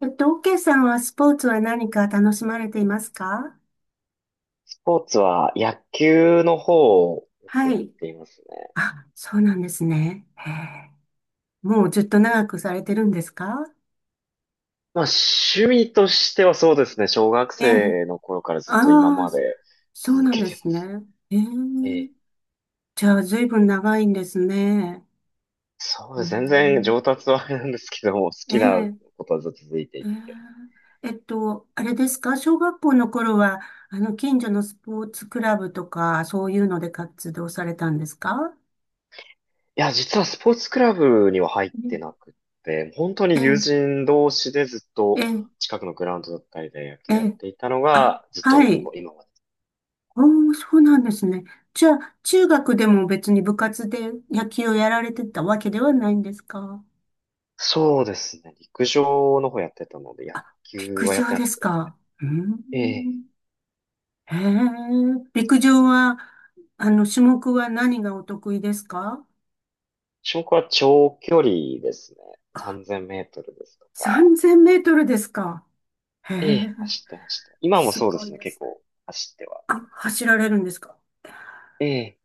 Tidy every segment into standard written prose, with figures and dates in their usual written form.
OK さんはスポーツは何か楽しまれていますか？スポーツは野球の方をよくはやっい。ていますね。あ、そうなんですね。へえ。もうずっと長くされてるんですか？まあ趣味としてはそうですね、小学ええ。生の頃からずっと今ああ、まそでそう続なんけでてすますね。ええ。ね。じゃあ、ずいぶん長いんですね。そううーです、全然ん。上達はあれなんですけども、好えきなえ。ことはずっと続いていえて。え。あれですか？小学校の頃は、あの、近所のスポーツクラブとか、そういうので活動されたんですか？いや、実はスポーツクラブには入っうてん。なくって、本当えに友え、人同士でずっえとえ、近くのグラウンドだったりで野え球やっえ。ていたのあ、が、ずっはとこい。う今まで。おー、そうなんですね。じゃあ、中学でも別に部活で野球をやられてたわけではないんですか？そうですね、陸上の方やってたので、野あ、球陸はやっ上てなでかっすたです。か。うーええ。ん。へえ、陸上は、あの、種目は何がお得意ですか？ 種目は長距離ですね。3000メートルですとか。3000 メートルですか？へええ、え、走ってました。今もすそうでごいすね。で結す。構走っては。あ、走られるんですか？ええ。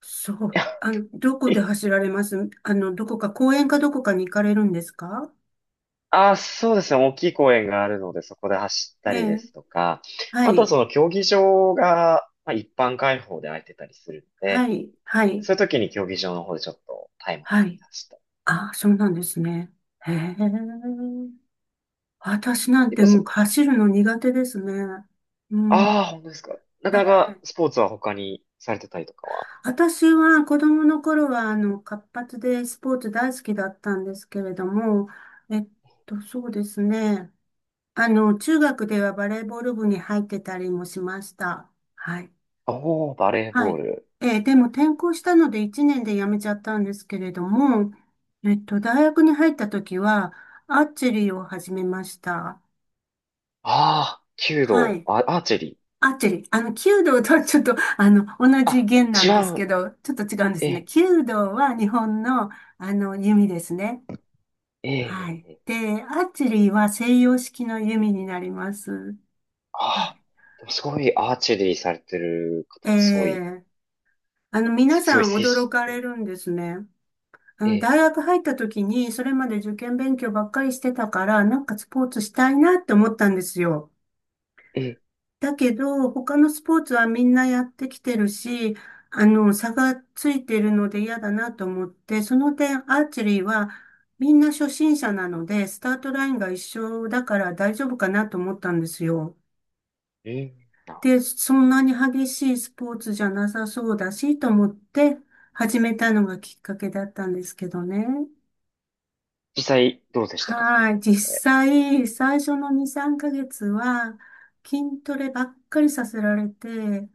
そ う。いやあの、どこでえ、走られます？あの、どこか、公園かどこかに行かれるんですか？あ、そうですね。大きい公園があるので、そこで走っえたりでえ、すとか、はあとはい。その競技場が、まあ、一般開放で空いてたりするのはで、い、はい、そういう時に競技場の方でちょっとタイムをは測っい。て走ったり。ああ、そうなんですね。へえ。私なん結て構そ、もう走るの苦手ですね。うん。ああ、本当ですか。なかはなかい。スポーツは他にされてたりとかは。私は子供の頃は、あの、活発でスポーツ大好きだったんですけれども、えっそうですね。あの、中学ではバレーボール部に入ってたりもしました。はい。おー、バレーはボーい。ル。でも転校したので1年で辞めちゃったんですけれども、大学に入った時は、アーチェリーを始めました。ああ、弓は道、い。あ、アーチェリー。アーチェリー。あの、弓道とはちょっと、あの、同じあ、弦な違んですけう。ど、ちょっと違うんでえすね。え、弓道は日本の、あの、弓ですね。えはい。え、ええ、で、アーチェリーは西洋式の弓になります。あはあ、でもすごいアーチェリーされてる方、い。すごい、あの、皆強さいん精驚かれ神。るんですね。あえの、大え、学入った時に、それまで受験勉強ばっかりしてたから、なんかスポーツしたいなって思ったんですよ。ええ、だけど、他のスポーツはみんなやってきてるし、あの、差がついてるので嫌だなと思って、その点、アーチェリーはみんな初心者なので、スタートラインが一緒だから大丈夫かなと思ったんですよ。ええ、うんな、で、そんなに激しいスポーツじゃなさそうだし、と思って始めたのがきっかけだったんですけどね。実際どうでしたか、されはてい。み実て。際、最初の2、3ヶ月は、筋トレばっかりさせられて、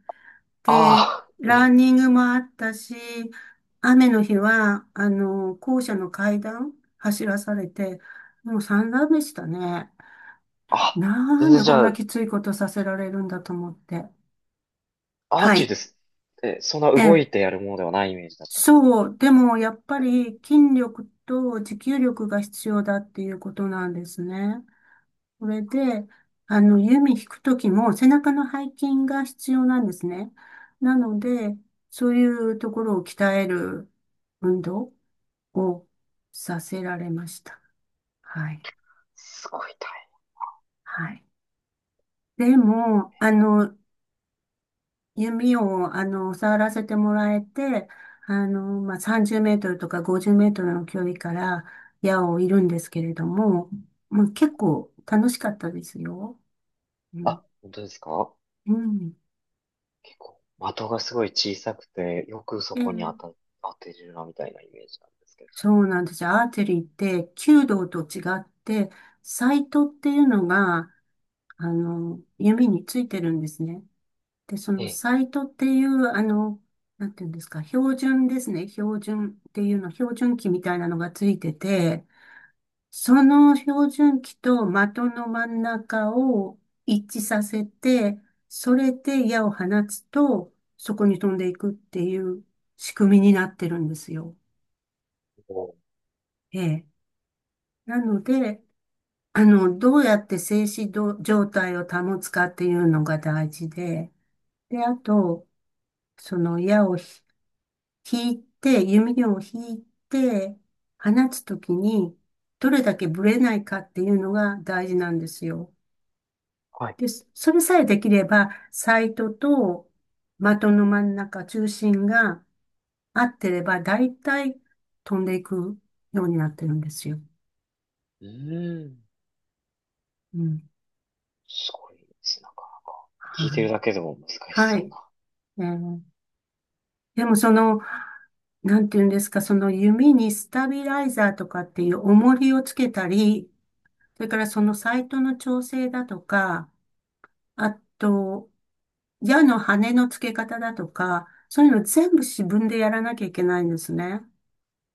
で、ああ、えランえ、ニングもあったし、雨の日は、あの、校舎の階段走らされて、もう散々でしたね。あ、な全ん然でじこんゃなあ、きついことさせられるんだと思って。アーはチェリーい。です。え、そんなえ動え。いてやるものではないイメージだったんですか。そう。でも、やっぱり筋力と持久力が必要だっていうことなんですね。それで、あの、弓引くときも背中の背筋が必要なんですね。なので、そういうところを鍛える運動をさせられました。はい。すごい大変。はい。でも、あの、弓を、あの、触らせてもらえて、あの、まあ、30メートルとか50メートルの距離から矢を射るんですけれども、まあ、結構楽しかったですよ。うん。あ、本当ですか？うん。結構、的がすごい小さくて、よくそこに当えた、え。当てるな、みたいなイメージなんですけど。そうなんですよ。アーチェリーって弓道と違って、サイトっていうのが、あの、弓についてるんですね。で、そえのえ、サイトっていう、あの、なんていうんですか、標準ですね。標準っていうの、標準器みたいなのがついてて、その標準器と的の真ん中を一致させて、それで矢を放つと、そこに飛んでいくっていう仕組みになってるんですよ。おー、ええ。なので、あの、どうやって静止状態を保つかっていうのが大事で、で、あと、その矢を引いて、弓矢を引いて、放つときに、どれだけブレないかっていうのが大事なんですよ。はい。で、それさえできれば、サイトと的の真ん中、中心が合ってれば、大体飛んでいくようになってるんですよ。うーん。うん。すごいですね。なんか、聞いてはるい。だけでも難しはそうい。な。えーでもその、なんていうんですか、その弓にスタビライザーとかっていう重りをつけたり、それからそのサイトの調整だとか、あと、矢の羽の付け方だとか、そういうの全部自分でやらなきゃいけないんですね。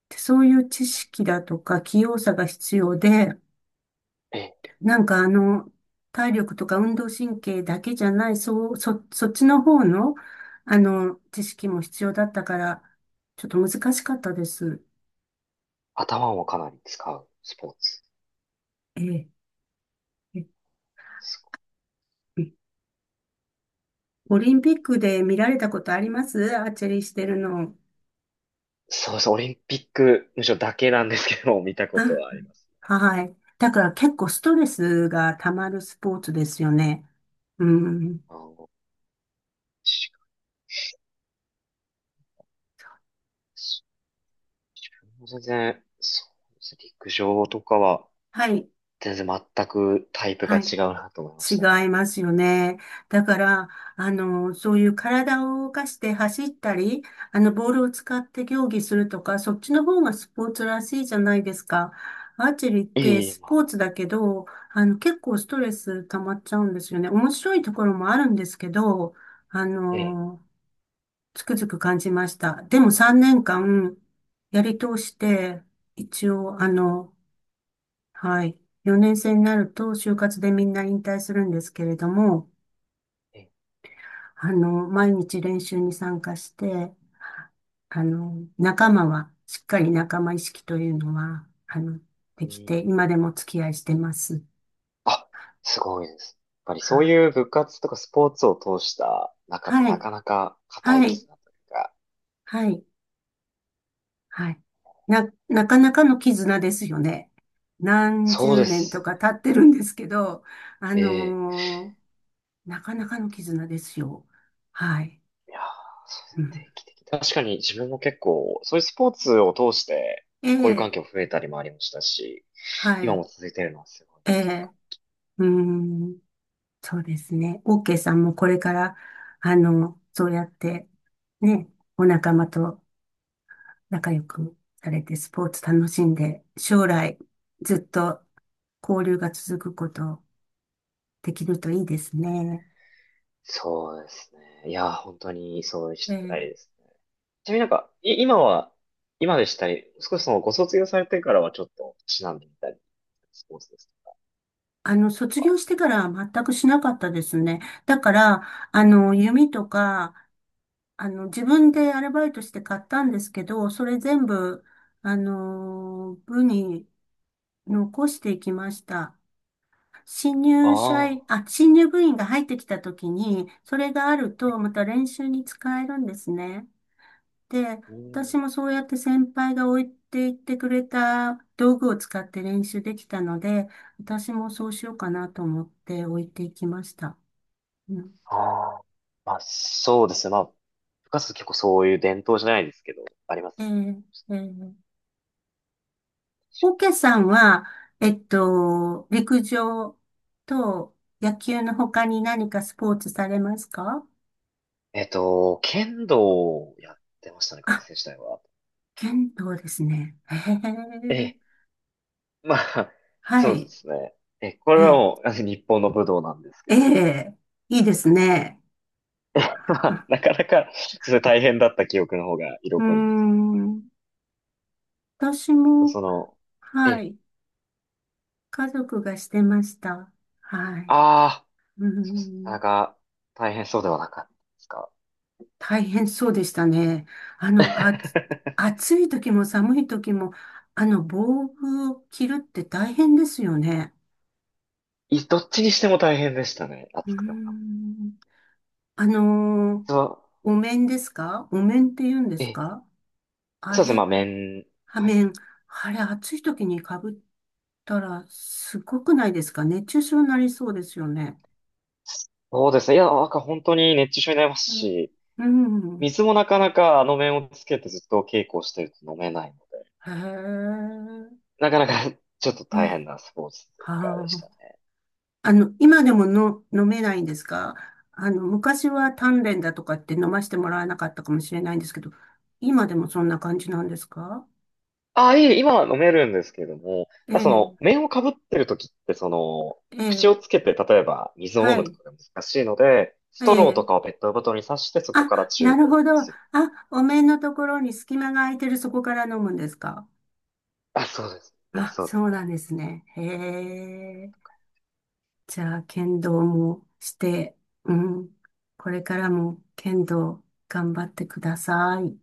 でそういう知識だとか器用さが必要で、え、なんかあの、体力とか運動神経だけじゃない、そう、そっちの方の、あの、知識も必要だったから、ちょっと難しかったです。頭もかなり使うスポーツ。ええ、えすごい。え。オリンピックで見られたことあります？アーチェリーしてるの。そうです。オリンピック、むしろだけなんですけど、見たことあ、はあります。はい。だから結構ストレスが溜まるスポーツですよね。うん。あの、確かに自分も全然、そうですね陸上とかは、はい。全然全くタイプがはい。違うなと思いま違したいね。ますよね。だから、あの、そういう体を動かして走ったり、あの、ボールを使って競技するとか、そっちの方がスポーツらしいじゃないですか。アーチェリーってええ、スまあ、ポーツだけど、あの、結構ストレス溜まっちゃうんですよね。面白いところもあるんですけど、あええ、の、つくづく感じました。でも3年間やり通して、一応、あの、はい、4年生になると就活でみんな引退するんですけれども、ええ、あの、毎日練習に参加して、あの、仲間は、しっかり仲間意識というのは、あの、でうきて、ん。今でもお付き合いしてます。あ、すごいです。やっぱりはそうい。いう部活とかスポーツを通した中ってはない。かなか固いはい。絆というか、はい。はい。なかなかの絆ですよね。何そう十で年すとね。か経ってるんですけど、あええ、のーなかなかの絆ですよ。はい。いやー、そうですうねん、定期的に確かに自分も結構、そういうスポーツを通して、えこういう環え、境増えたりもありましたし、は今い。も続いてるのはすごいえ強化。え、うん。そうですね。オーケーさんもこれから、あの、そうやって、ね、お仲間と仲良くされて、スポーツ楽しんで、将来、ずっと交流が続くことできるといいですね。そうですね。いやー、本当にそうしたえいえ。ですね。ちなみになんか、い、今は、今でしたり、少しそのご卒業されてからはちょっと、しなんでみたり、スポーツです。あの、卒業してからは全くしなかったですね。だから、あの、弓とか、あの、自分でアルバイトして買ったんですけど、それ全部、あの、部に残していきました。新入社員、ああ、あ、新入部員が入ってきたときに、それがあると、また練習に使えるんですね。で、う私ん。もそうやって先輩が置いていってくれた道具を使って練習できたので、私もそうしようかなと思って置いていきました。うん。ああ、まあそうですね。まあ、部活結構そういう伝統じゃないですけど、ありまえすよ。ーえー、オケさんは、陸上と野球の他に何かスポーツされますか？剣道をやってましたね、学あ、生時代は。剣道ですね。へええ。え、まあ、はそうでい。すね。え、これはえ、もう、日本の武道なんですけえど。え、いいですね。まあ、な かなか、それ大変だった記憶の方がう色ー濃いんですん。私けど、も、その、はえ、い。家族がしてました。はい。ああ、うーそうですなん。かなか大変そうではなかったですか。大変そうでしたね。あの、あ、暑い時も寒い時も、あの、防具を着るって大変ですよね。いどっちにしても大変でしたね。うー暑くても寒くん。あのてーも。そお面ですか？お面って言うんでう、すええ、か？あそうですね、れ、まあ、麺、ははい。面。あれ、暑い時に被ったら、すごくないですか？熱中症になりそうですよね。そうですね。いや、なんか本当に熱中症になりますうんし、うん。水もなかなかあの麺をつけてずっと稽古をしてると飲めないので、へえ。なかなか ちょっとう大ん。変なスポーツというかでしはたね。あ。あの、今でもの飲めないんですか？あの、昔は鍛錬だとかって飲ましてもらわなかったかもしれないんですけど、今でもそんな感じなんですか？ああ、いえ、今は飲めるんですけれども、えただそえ、の、麺をかぶってる時って、その、え口をつえ、けて、例えば水を飲はむとい、かが難しいので、スえトローとえ。かをペットボトルに刺して、そこあ、からチュなーるトほど。あ、する。お面のところに隙間が空いてる、そこから飲むんですか？あ、そうですね、あ、そうでそうなす。んですね。へえ。じゃあ、剣道もして、うん。これからも剣道頑張ってください。